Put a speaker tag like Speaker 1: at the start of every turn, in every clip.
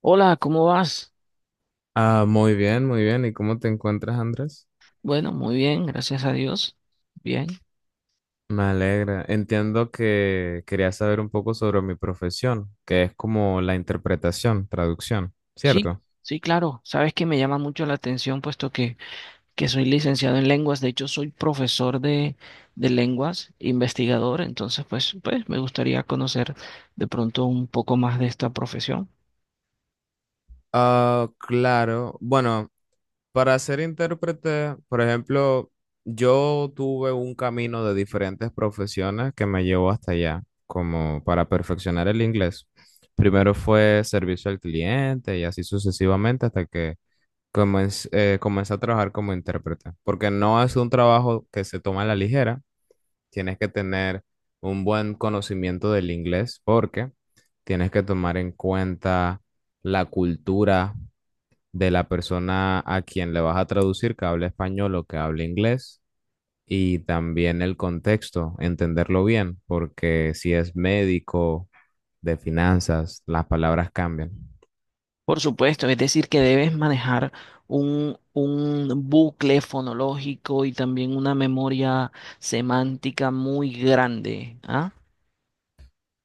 Speaker 1: Hola, ¿cómo vas?
Speaker 2: Ah, muy bien, muy bien. ¿Y cómo te encuentras, Andrés?
Speaker 1: Bueno, muy bien, gracias a Dios. Bien.
Speaker 2: Me alegra. Entiendo que querías saber un poco sobre mi profesión, que es como la interpretación, traducción,
Speaker 1: Sí,
Speaker 2: ¿cierto?
Speaker 1: sí, claro. Sabes que me llama mucho la atención, puesto que, soy licenciado en lenguas. De hecho, soy profesor de, lenguas, investigador. Entonces, pues, me gustaría conocer de pronto un poco más de esta profesión.
Speaker 2: Ah, claro. Bueno, para ser intérprete, por ejemplo, yo tuve un camino de diferentes profesiones que me llevó hasta allá, como para perfeccionar el inglés. Primero fue servicio al cliente y así sucesivamente hasta que comencé a trabajar como intérprete, porque no es un trabajo que se toma a la ligera, tienes que tener un buen conocimiento del inglés porque tienes que tomar en cuenta la cultura de la persona a quien le vas a traducir, que hable español o que hable inglés, y también el contexto, entenderlo bien, porque si es médico, de finanzas, las palabras cambian.
Speaker 1: Por supuesto, es decir, que debes manejar un bucle fonológico y también una memoria semántica muy grande, ¿ah?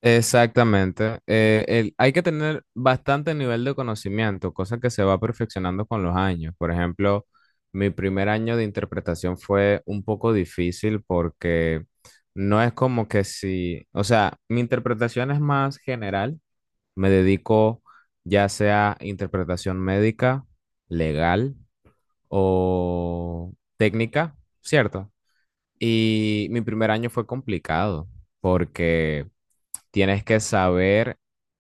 Speaker 2: Exactamente. Hay que tener bastante nivel de conocimiento, cosa que se va perfeccionando con los años. Por ejemplo, mi primer año de interpretación fue un poco difícil porque no es como que si, o sea, mi interpretación es más general. Me dedico ya sea interpretación médica, legal o técnica, ¿cierto? Y mi primer año fue complicado porque... Tienes que saber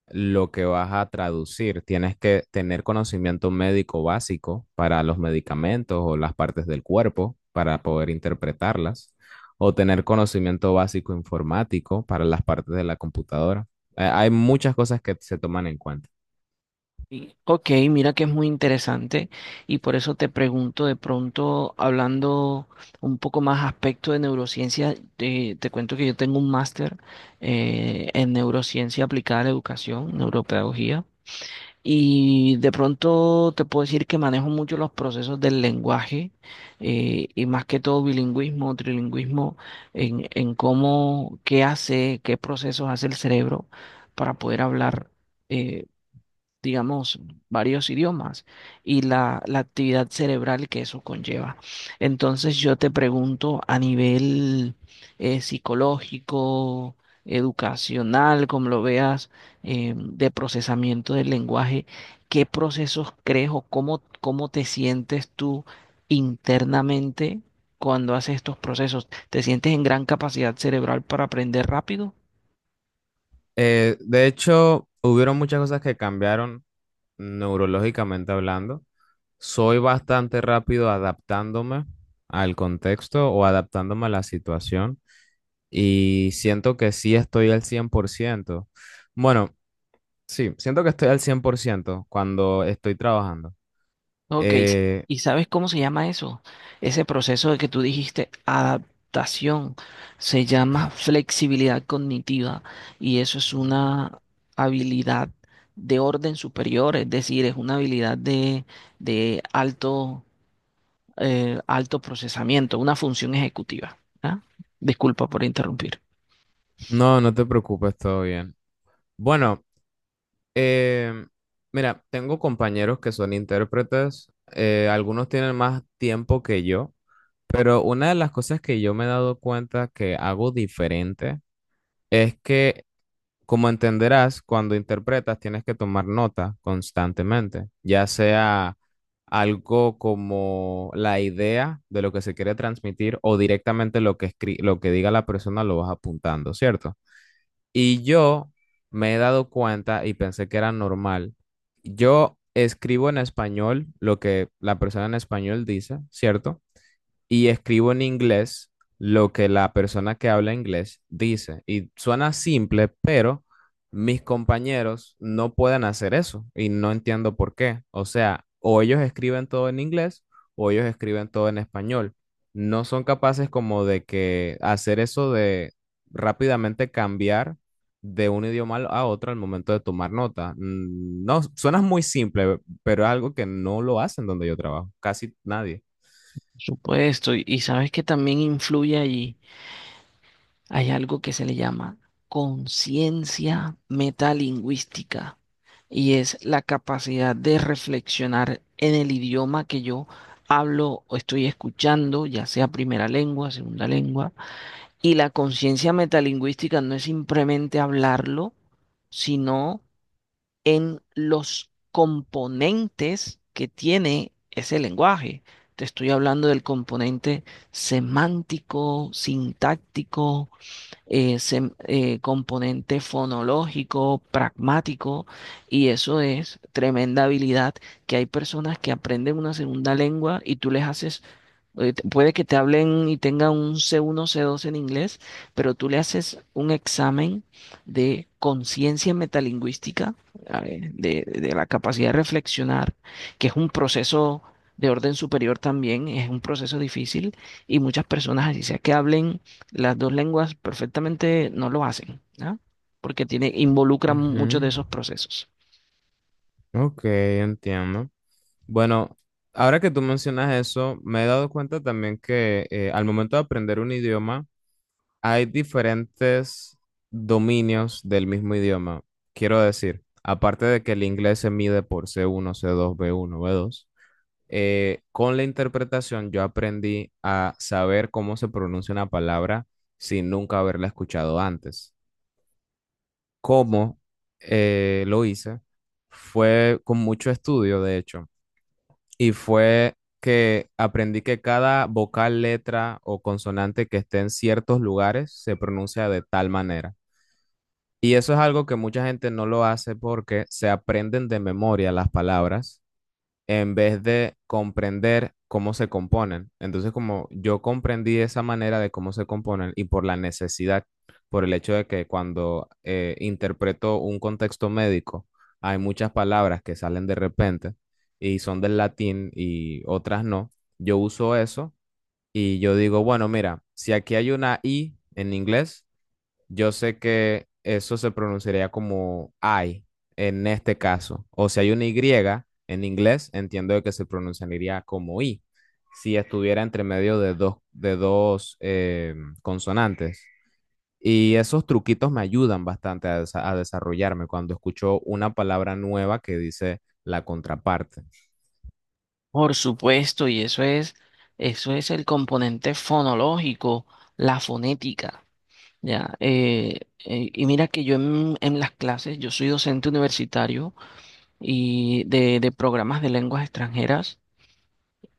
Speaker 2: lo que vas a traducir, tienes que tener conocimiento médico básico para los medicamentos o las partes del cuerpo para poder interpretarlas, o tener conocimiento básico informático para las partes de la computadora. Hay muchas cosas que se toman en cuenta.
Speaker 1: Ok, mira que es muy interesante y por eso te pregunto de pronto, hablando un poco más aspecto de neurociencia, te cuento que yo tengo un máster en neurociencia aplicada a la educación, neuropedagogía. Y de pronto te puedo decir que manejo mucho los procesos del lenguaje y más que todo bilingüismo, trilingüismo, en cómo, qué hace, qué procesos hace el cerebro para poder hablar. Eh, digamos, varios idiomas y la actividad cerebral que eso conlleva. Entonces yo te pregunto a nivel psicológico, educacional, como lo veas, de procesamiento del lenguaje, ¿qué procesos crees o cómo te sientes tú internamente cuando haces estos procesos? ¿Te sientes en gran capacidad cerebral para aprender rápido?
Speaker 2: De hecho, hubieron muchas cosas que cambiaron neurológicamente hablando. Soy bastante rápido adaptándome al contexto o adaptándome a la situación. Y siento que sí estoy al 100%. Bueno, sí, siento que estoy al 100% cuando estoy trabajando.
Speaker 1: Ok,
Speaker 2: Eh,
Speaker 1: ¿y sabes cómo se llama eso? Ese proceso de que tú dijiste, adaptación, se llama flexibilidad cognitiva y eso es
Speaker 2: Ujú.
Speaker 1: una habilidad de orden superior, es decir, es una habilidad de, de alto, alto procesamiento, una función ejecutiva. ¿Ah? Disculpa por interrumpir.
Speaker 2: No, no te preocupes, todo bien. Bueno, em, mira, tengo compañeros que son intérpretes, algunos tienen más tiempo que yo, pero una de las cosas que yo me he dado cuenta que hago diferente es que... Como entenderás, cuando interpretas tienes que tomar nota constantemente, ya sea algo como la idea de lo que se quiere transmitir o directamente lo que lo que diga la persona lo vas apuntando, ¿cierto? Y yo me he dado cuenta y pensé que era normal. Yo escribo en español lo que la persona en español dice, ¿cierto? Y escribo en inglés lo que la persona que habla inglés dice. Y suena simple, pero mis compañeros no pueden hacer eso y no entiendo por qué. O sea, o ellos escriben todo en inglés o ellos escriben todo en español. No son capaces como de que hacer eso de rápidamente cambiar de un idioma a otro al momento de tomar nota. No, suena muy simple, pero es algo que no lo hacen donde yo trabajo, casi nadie.
Speaker 1: Por supuesto, y, sabes que también influye allí. Hay algo que se le llama conciencia metalingüística y es la capacidad de reflexionar en el idioma que yo hablo o estoy escuchando, ya sea primera lengua, segunda lengua. Y la conciencia metalingüística no es simplemente hablarlo, sino en los componentes que tiene ese lenguaje. Te estoy hablando del componente semántico, sintáctico ese componente fonológico, pragmático, y eso es tremenda habilidad que hay personas que aprenden una segunda lengua y tú les haces Puede que te hablen y tengan un C1, C2 en inglés, pero tú le haces un examen de conciencia metalingüística, a ver, de, la capacidad de reflexionar, que es un proceso de orden superior también, es un proceso difícil y muchas personas, así sea que hablen las dos lenguas perfectamente, no lo hacen, ¿ah? Porque tiene, involucran muchos de
Speaker 2: Ujú.
Speaker 1: esos procesos.
Speaker 2: Ok, entiendo. Bueno, ahora que tú mencionas eso, me he dado cuenta también que al momento de aprender un idioma, hay diferentes dominios del mismo idioma. Quiero decir, aparte de que el inglés se mide por C1, C2, B1, B2, con la interpretación yo aprendí a saber cómo se pronuncia una palabra sin nunca haberla escuchado antes. ¿Cómo lo hice? Fue con mucho estudio, de hecho. Y fue que aprendí que cada vocal, letra o consonante que esté en ciertos lugares se pronuncia de tal manera. Y eso es algo que mucha gente no lo hace porque se aprenden de memoria las palabras en vez de comprender cómo se componen. Entonces, como yo comprendí esa manera de cómo se componen y por la necesidad, por el hecho de que cuando interpreto un contexto médico, hay muchas palabras que salen de repente y son del latín y otras no, yo uso eso y yo digo, bueno, mira, si aquí hay una I en inglés, yo sé que eso se pronunciaría como I en este caso. O si hay una Y en inglés, entiendo de que se pronunciaría como I, si estuviera entre medio de dos consonantes. Y esos truquitos me ayudan bastante a desarrollarme cuando escucho una palabra nueva que dice la contraparte.
Speaker 1: Por supuesto, y eso es el componente fonológico, la fonética. Ya, y mira que yo en, las clases, yo soy docente universitario y de, programas de lenguas extranjeras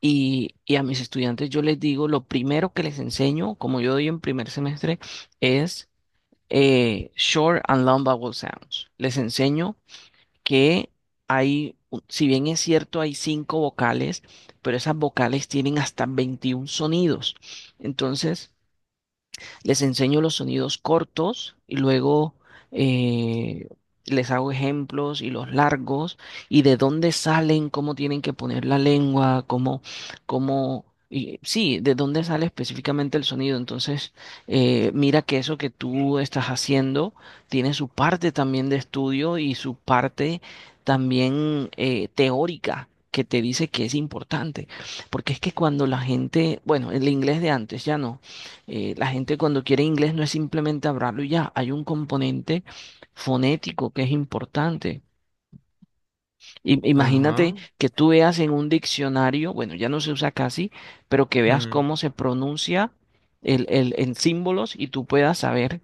Speaker 1: y, a mis estudiantes yo les digo, lo primero que les enseño, como yo doy en primer semestre, es short and long vowel sounds. Les enseño que hay, si bien es cierto, hay cinco vocales, pero esas vocales tienen hasta 21 sonidos. Entonces... Les enseño los sonidos cortos y luego eh, les hago ejemplos y los largos y de dónde salen, cómo tienen que poner la lengua, cómo, y, sí, de dónde sale específicamente el sonido. Entonces, mira que eso que tú estás haciendo tiene su parte también de estudio y su parte también teórica, que te dice que es importante, porque es que cuando la gente, bueno, el inglés de antes ya no, la gente cuando quiere inglés no es simplemente hablarlo y ya, hay un componente fonético que es importante. Imagínate
Speaker 2: Ajá.
Speaker 1: que tú veas en un diccionario, bueno, ya no se usa casi, pero que veas
Speaker 2: Ujú.
Speaker 1: cómo se pronuncia en símbolos y tú puedas saber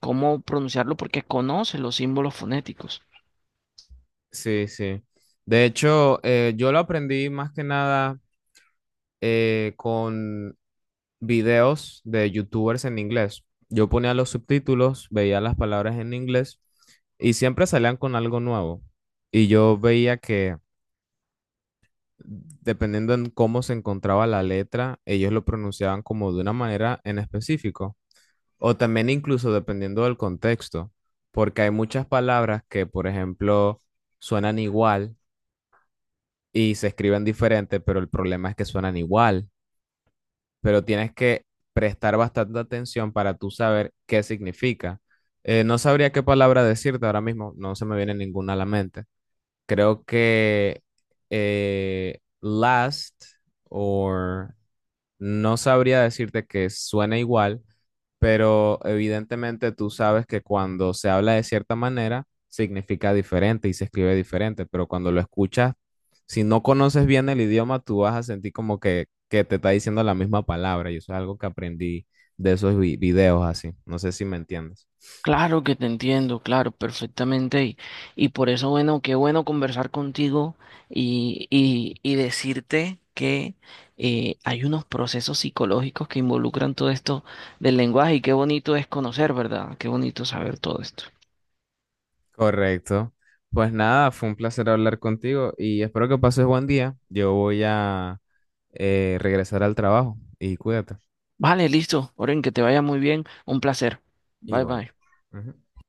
Speaker 1: cómo pronunciarlo porque conoces los símbolos fonéticos.
Speaker 2: Sí, sí. De hecho, yo lo aprendí más que nada con videos de youtubers en inglés. Yo ponía los subtítulos, veía las palabras en inglés y siempre salían con algo nuevo. Y yo veía que dependiendo en cómo se encontraba la letra, ellos lo pronunciaban como de una manera en específico. O también incluso dependiendo del contexto, porque hay muchas palabras que, por ejemplo, suenan igual y se escriben diferente, pero el problema es que suenan igual. Pero tienes que prestar bastante atención para tú saber qué significa. No sabría qué palabra decirte ahora mismo, no se me viene ninguna a la mente. Creo que last o no sabría decirte que suena igual, pero evidentemente tú sabes que cuando se habla de cierta manera, significa diferente y se escribe diferente, pero cuando lo escuchas, si no conoces bien el idioma, tú vas a sentir como que te está diciendo la misma palabra, y eso es algo que aprendí de esos videos así, no sé si me entiendes.
Speaker 1: Claro que te entiendo, claro, perfectamente. Y, por eso, bueno, qué bueno conversar contigo y, decirte que hay unos procesos psicológicos que involucran todo esto del lenguaje y qué bonito es conocer, ¿verdad? Qué bonito saber todo esto.
Speaker 2: Correcto. Pues nada, fue un placer hablar contigo y espero que pases buen día. Yo voy a regresar al trabajo y cuídate.
Speaker 1: Vale, listo. Oren, que te vaya muy bien. Un placer. Bye,
Speaker 2: Igual.
Speaker 1: bye.
Speaker 2: Ujú.